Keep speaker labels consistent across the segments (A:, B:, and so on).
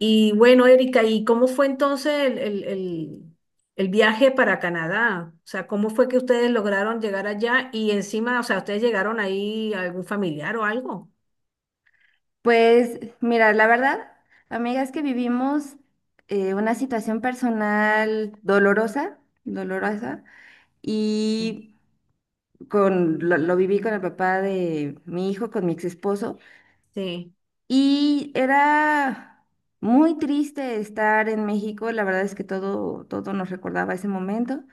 A: Y bueno, Erika, ¿y cómo fue entonces el viaje para Canadá? O sea, ¿cómo fue que ustedes lograron llegar allá? Y encima, o sea, ¿ustedes llegaron ahí a algún familiar o algo?
B: Pues mira, la verdad, amigas, que vivimos una situación personal dolorosa, dolorosa.
A: Mm.
B: Y lo viví con el papá de mi hijo, con mi ex esposo.
A: Sí.
B: Y era muy triste estar en México. La verdad es que todo, todo nos recordaba ese momento.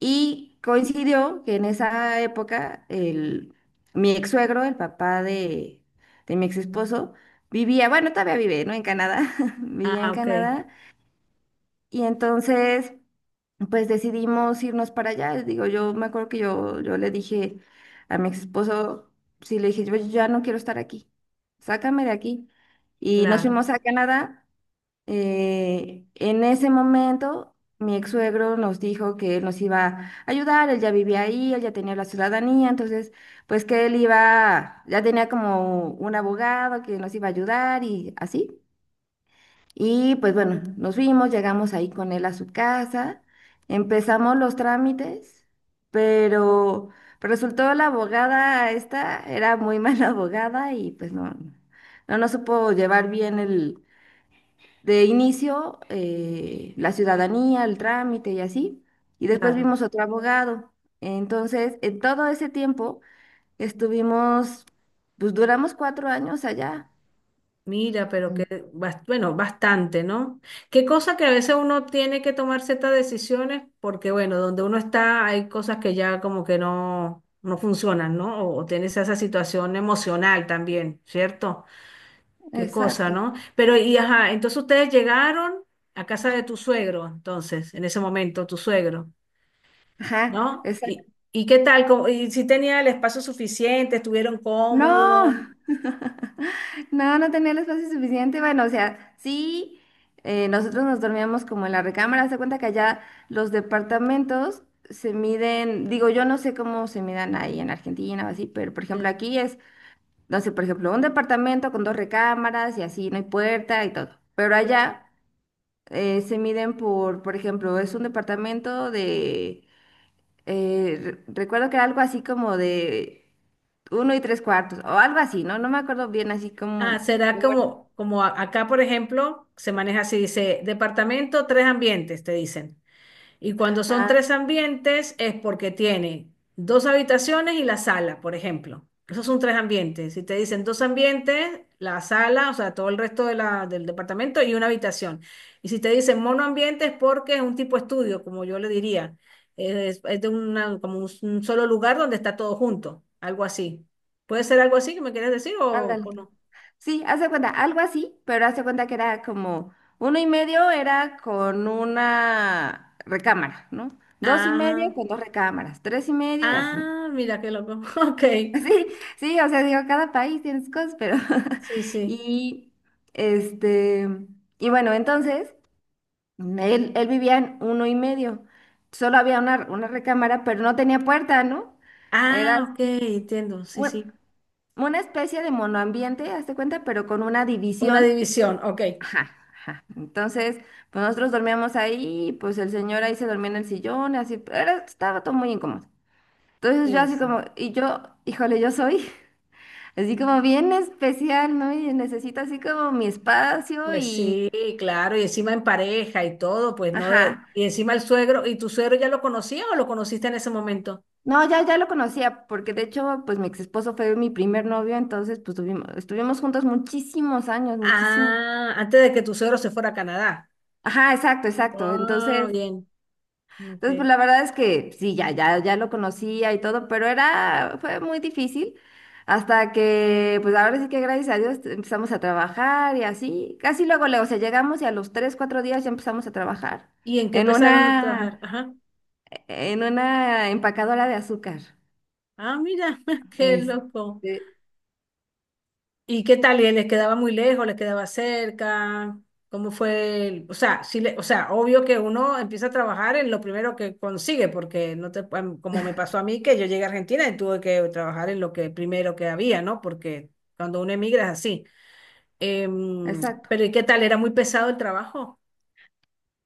B: Y coincidió que en esa época el, mi ex suegro, el papá de mi ex esposo, vivía, bueno, todavía vive, ¿no? En Canadá, vivía en
A: Ah, ok,
B: Canadá. Y entonces, pues decidimos irnos para allá. Digo, yo me acuerdo que yo le dije a mi ex esposo, sí, le dije: yo ya no quiero estar aquí, sácame de aquí. Y nos
A: claro,
B: fuimos a Canadá. En ese momento, mi ex suegro nos dijo que él nos iba a ayudar, él ya vivía ahí, él ya tenía la ciudadanía. Entonces, pues que él iba, ya tenía como un abogado que nos iba a ayudar y así. Y pues bueno, nos fuimos, llegamos ahí con él a su casa, empezamos los trámites, pero pero resultó la abogada esta, era muy mala abogada. Y pues no, no nos supo llevar bien de inicio, la ciudadanía, el trámite y así. Y después
A: claro.
B: vimos otro abogado. Entonces, en todo ese tiempo estuvimos, pues duramos 4 años allá.
A: Mira, pero que,
B: Mm.
A: bueno, bastante, ¿no? Qué cosa que a veces uno tiene que tomar ciertas decisiones porque, bueno, donde uno está hay cosas que ya como que no, no funcionan, ¿no? O tienes esa situación emocional también, ¿cierto? Qué cosa,
B: Exacto.
A: ¿no? Pero, y ajá, entonces ustedes llegaron a casa de tu suegro, entonces, en ese momento, tu suegro,
B: Ajá,
A: ¿no?
B: exacto.
A: Y qué tal? ¿Cómo- ¿Y si tenía el espacio suficiente? ¿Estuvieron
B: No,
A: cómodos?
B: no, no tenía el espacio suficiente. Bueno, o sea, sí, nosotros nos dormíamos como en la recámara. Se cuenta que allá los departamentos se miden. Digo, yo no sé cómo se midan ahí en Argentina o así, pero por ejemplo
A: Sí,
B: aquí es... No sé, por ejemplo, un departamento con dos recámaras y así, no hay puerta y todo. Pero
A: sí.
B: allá se miden por ejemplo, es un departamento de... eh, recuerdo que era algo así como de uno y tres cuartos, o algo así, ¿no? No me acuerdo bien, así
A: Ah,
B: como...
A: será
B: ¿Cómo era?
A: como, como acá, por ejemplo, se maneja así, dice, departamento, tres ambientes, te dicen. Y cuando son
B: Ah,
A: tres ambientes es porque tiene dos habitaciones y la sala, por ejemplo. Esos son tres ambientes. Si te dicen dos ambientes, la sala, o sea, todo el resto de del departamento y una habitación. Y si te dicen monoambiente es porque es un tipo estudio, como yo le diría. Es de una, como un solo lugar donde está todo junto, algo así. ¿Puede ser algo así que me quieres decir
B: ándale.
A: o no?
B: Sí, hace cuenta, algo así, pero hace cuenta que era como uno y medio era con una recámara, ¿no? Dos y
A: Ah,
B: medio con dos recámaras, tres y medio y así, ¿no?
A: ah, mira qué loco. Ok,
B: Sí, sí, o sea, digo, cada país tiene sus cosas, pero
A: sí, sí.
B: y este y bueno, entonces él vivía en uno y medio. Solo había una recámara, pero no tenía puerta, ¿no? Era
A: Ah, ok, entiendo, sí,
B: un-
A: sí.
B: una especie de monoambiente, hazte cuenta, pero con una
A: Una
B: división.
A: división, ok.
B: Ajá, ajá. Entonces, pues nosotros dormíamos ahí, pues el señor ahí se dormía en el sillón, así, era, estaba todo muy incómodo. Entonces yo
A: Sí,
B: así
A: sí.
B: como... Y yo, híjole, yo soy... Así como bien especial, ¿no? Y necesito así como mi espacio
A: Pues
B: y...
A: sí, claro, y encima en pareja y todo, pues no,
B: Ajá.
A: y encima el suegro, ¿y tu suegro ya lo conocía o lo conociste en ese momento?
B: No, ya, ya lo conocía, porque de hecho, pues mi ex esposo fue mi primer novio. Entonces pues tuvimos, estuvimos juntos muchísimos años, muchísimo.
A: Ah, antes de que tu suegro se fuera a Canadá.
B: Ajá, exacto, exacto.
A: Ah,
B: Entonces,
A: bien,
B: entonces
A: ok.
B: pues la verdad es que sí, ya, ya, ya lo conocía y todo, pero era, fue muy difícil hasta que, pues ahora sí que gracias a Dios empezamos a trabajar y así, casi luego, luego, o sea, llegamos, y a los 3, 4 días ya empezamos a trabajar
A: ¿Y en qué
B: en
A: empezaron a trabajar?
B: una...
A: Ajá.
B: en una empacadora de azúcar.
A: Ah, mira, qué loco.
B: Este,
A: ¿Y qué tal? ¿Les quedaba muy lejos? ¿Les quedaba cerca? ¿Cómo fue? O sea, o sea, obvio que uno empieza a trabajar en lo primero que consigue, porque no te, como me pasó a mí, que yo llegué a Argentina y tuve que trabajar en lo que primero que había, ¿no? Porque cuando uno emigra es así. Em,
B: exacto.
A: pero ¿y qué tal? ¿Era muy pesado el trabajo?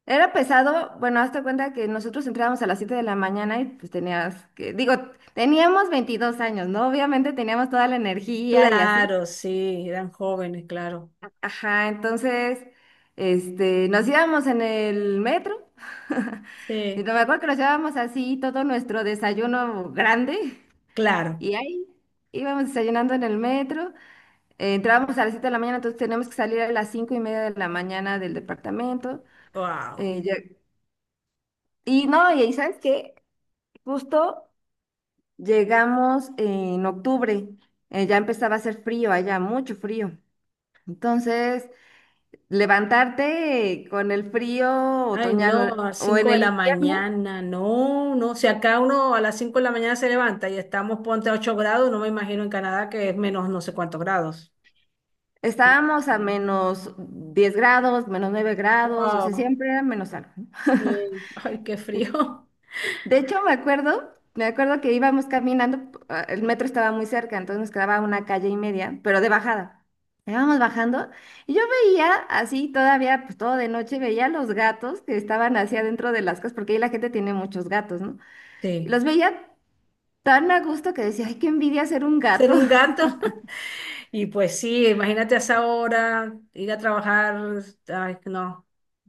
B: Era pesado, bueno, hazte cuenta que nosotros entrábamos a las 7 de la mañana. Y pues tenías que, digo, teníamos 22 años, ¿no? Obviamente teníamos toda la energía y así.
A: Claro, sí, eran jóvenes, claro.
B: Ajá. Entonces, nos íbamos en el metro. Y
A: Sí,
B: me acuerdo que nos llevábamos así todo nuestro desayuno grande,
A: claro.
B: y ahí íbamos desayunando en el metro. Entrábamos a las 7 de la mañana, entonces teníamos que salir a las 5:30 de la mañana del departamento.
A: Wow.
B: eh, ya- y no, y ahí sabes que justo llegamos en octubre. Ya empezaba a hacer frío allá, mucho frío. Entonces, levantarte con el frío
A: Ay, no, a
B: otoñal
A: las
B: o en
A: 5 de
B: el
A: la
B: invierno,
A: mañana, no, no. Si acá uno a las 5 de la mañana se levanta y estamos, ponte a 8 grados, no me imagino en Canadá que es menos no sé cuántos grados.
B: estábamos a
A: Bueno.
B: -10 grados, -9 grados, o sea,
A: Wow,
B: siempre era menos algo.
A: sí, ay, qué frío.
B: De hecho, me acuerdo que íbamos caminando, ah, el metro estaba muy cerca, entonces nos quedaba una calle y media, pero de bajada. Íbamos bajando y yo veía así todavía, pues todo de noche, veía los gatos que estaban hacia adentro de las casas, porque ahí la gente tiene muchos gatos, ¿no? Y
A: Sí,
B: los veía tan a gusto que decía, ay, qué envidia ser un
A: ser
B: gato.
A: un gato. Y pues sí, imagínate a esa hora, ir a trabajar, ay, no,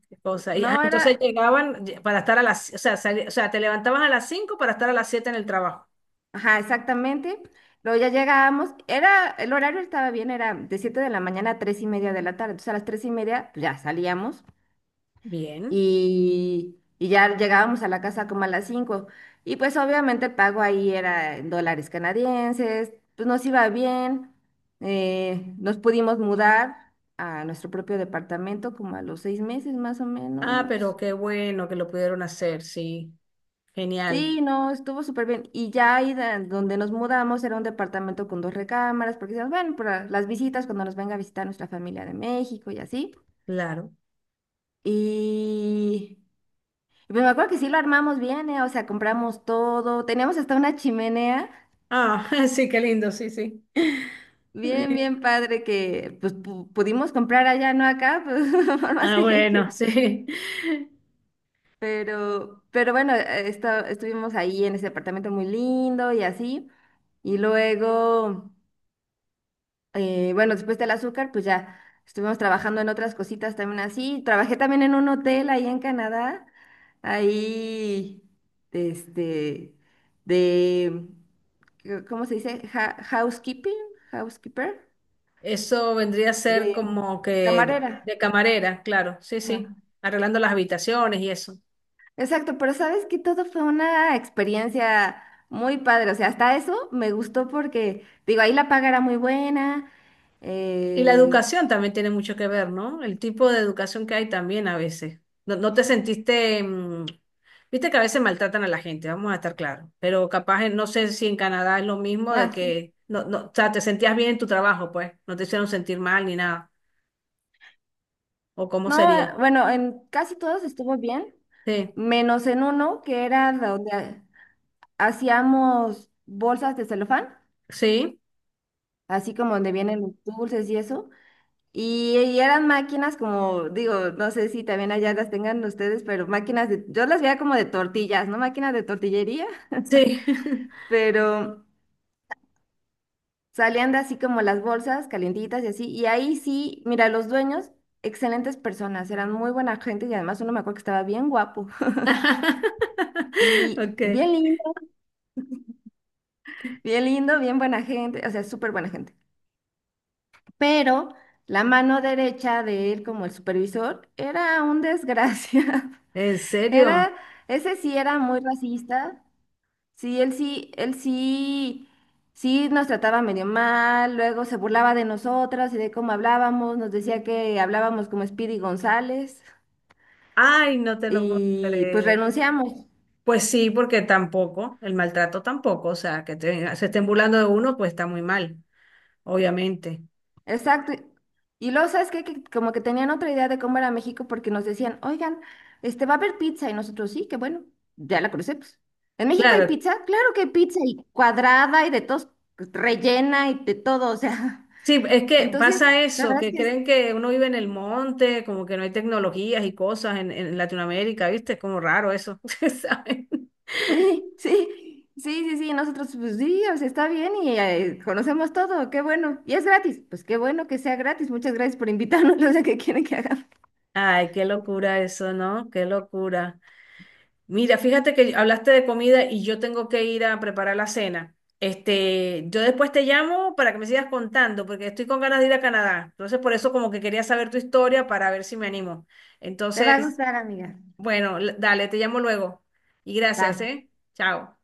A: qué cosa. Y, ah,
B: No
A: entonces
B: era,
A: llegaban para estar a las, o sea, o sea, te levantabas a las 5 para estar a las 7 en el trabajo.
B: ajá, exactamente. Luego ya llegábamos, era, el horario estaba bien, era de 7 de la mañana a 3:30 de la tarde. Entonces a las 3:30 pues, ya salíamos,
A: Bien.
B: y ya llegábamos a la casa como a las 5. Y pues obviamente el pago ahí era en dólares canadienses, pues nos iba bien. Nos pudimos mudar a nuestro propio departamento como a los 6 meses, más o
A: Ah, pero
B: menos.
A: qué bueno que lo pudieron hacer, sí. Genial,
B: Sí, no, estuvo súper bien. Y ya ahí donde nos mudamos era un departamento con dos recámaras, porque decíamos, bueno, para las visitas, cuando nos venga a visitar nuestra familia de México y así.
A: claro.
B: Y pero me acuerdo que sí lo armamos bien, ¿eh? O sea, compramos todo. Teníamos hasta una chimenea.
A: Ah, sí, qué lindo, sí, sí.
B: Bien,
A: Eh,
B: bien padre que pues pudimos comprar allá, no acá, pues por más
A: ah,
B: que... que...
A: bueno, sí.
B: Pero bueno, estuvimos ahí en ese apartamento muy lindo y así. Y luego... bueno, después del azúcar, pues ya estuvimos trabajando en otras cositas también así. Trabajé también en un hotel ahí en Canadá, ahí, este, de, ¿cómo se dice? Housekeeping, housekeeper,
A: Eso vendría a
B: de
A: ser como que
B: camarera.
A: de camarera, claro, sí, sí.
B: Ajá.
A: Arreglando las habitaciones y eso.
B: Exacto, pero sabes que todo fue una experiencia muy padre, o sea, hasta eso me gustó porque, digo, ahí la paga era muy buena.
A: Y la
B: Eh,
A: educación también tiene mucho que ver, ¿no? El tipo de educación que hay también a veces. No, no te sentiste, mm, viste que a veces maltratan a la gente, vamos a estar claros, pero capaz, no sé si en Canadá es lo mismo de
B: ah, sí.
A: que, no, no, o sea, te sentías bien en tu trabajo, pues, no te hicieron sentir mal ni nada, o cómo
B: No,
A: sería.
B: bueno, en casi todos estuvo bien,
A: Sí,
B: menos en uno que era donde hacíamos bolsas de celofán,
A: sí,
B: así como donde vienen los dulces y eso. Y eran máquinas como, digo, no sé si también allá las tengan ustedes, pero máquinas de... yo las veía como de tortillas, ¿no? Máquinas de tortillería.
A: sí.
B: Pero salían de así como las bolsas calientitas y así. Y ahí sí, mira, los dueños, excelentes personas, eran muy buena gente, y además uno me acuerdo que estaba bien guapo. Y
A: Ok,
B: bien lindo. Bien lindo, bien buena gente, o sea, súper buena gente. Pero la mano derecha de él como el supervisor era un desgracia.
A: ¿en serio?
B: Era, ese sí era muy racista. Sí, él sí, él sí, sí nos trataba medio mal, luego se burlaba de nosotras y de cómo hablábamos, nos decía que hablábamos como Speedy González,
A: Ay, no te lo puedo
B: y pues
A: creer.
B: renunciamos.
A: Pues sí, porque tampoco, el maltrato tampoco, o sea, que se estén burlando de uno, pues está muy mal, obviamente.
B: Exacto. Y luego, ¿sabes qué? Que como que tenían otra idea de cómo era México, porque nos decían: oigan, va a haber pizza y nosotros sí, que bueno, ya la conocemos. ¿En México hay
A: Claro,
B: pizza? Claro que hay pizza, y cuadrada y de todos, pues, rellena y de todo, o sea.
A: sí, es que
B: Entonces,
A: pasa
B: la
A: eso,
B: verdad es
A: que
B: que
A: creen que uno vive en el monte, como que no hay tecnologías y cosas en Latinoamérica, ¿viste? Es como raro eso, ¿saben?
B: sí, sí, sí, sí, sí, nosotros pues sí, o sea, está bien, y conocemos todo, qué bueno. Y es gratis, pues qué bueno que sea gratis. Muchas gracias por invitarnos, o sea, que quieren que hagamos.
A: Ay, qué locura eso, ¿no? Qué locura. Mira, fíjate que hablaste de comida y yo tengo que ir a preparar la cena. Este, yo después te llamo para que me sigas contando, porque estoy con ganas de ir a Canadá. Entonces, por eso como que quería saber tu historia para ver si me animo.
B: Te va a
A: Entonces,
B: gustar, amiga.
A: bueno, dale, te llamo luego. Y gracias,
B: Bye.
A: ¿eh? Chao.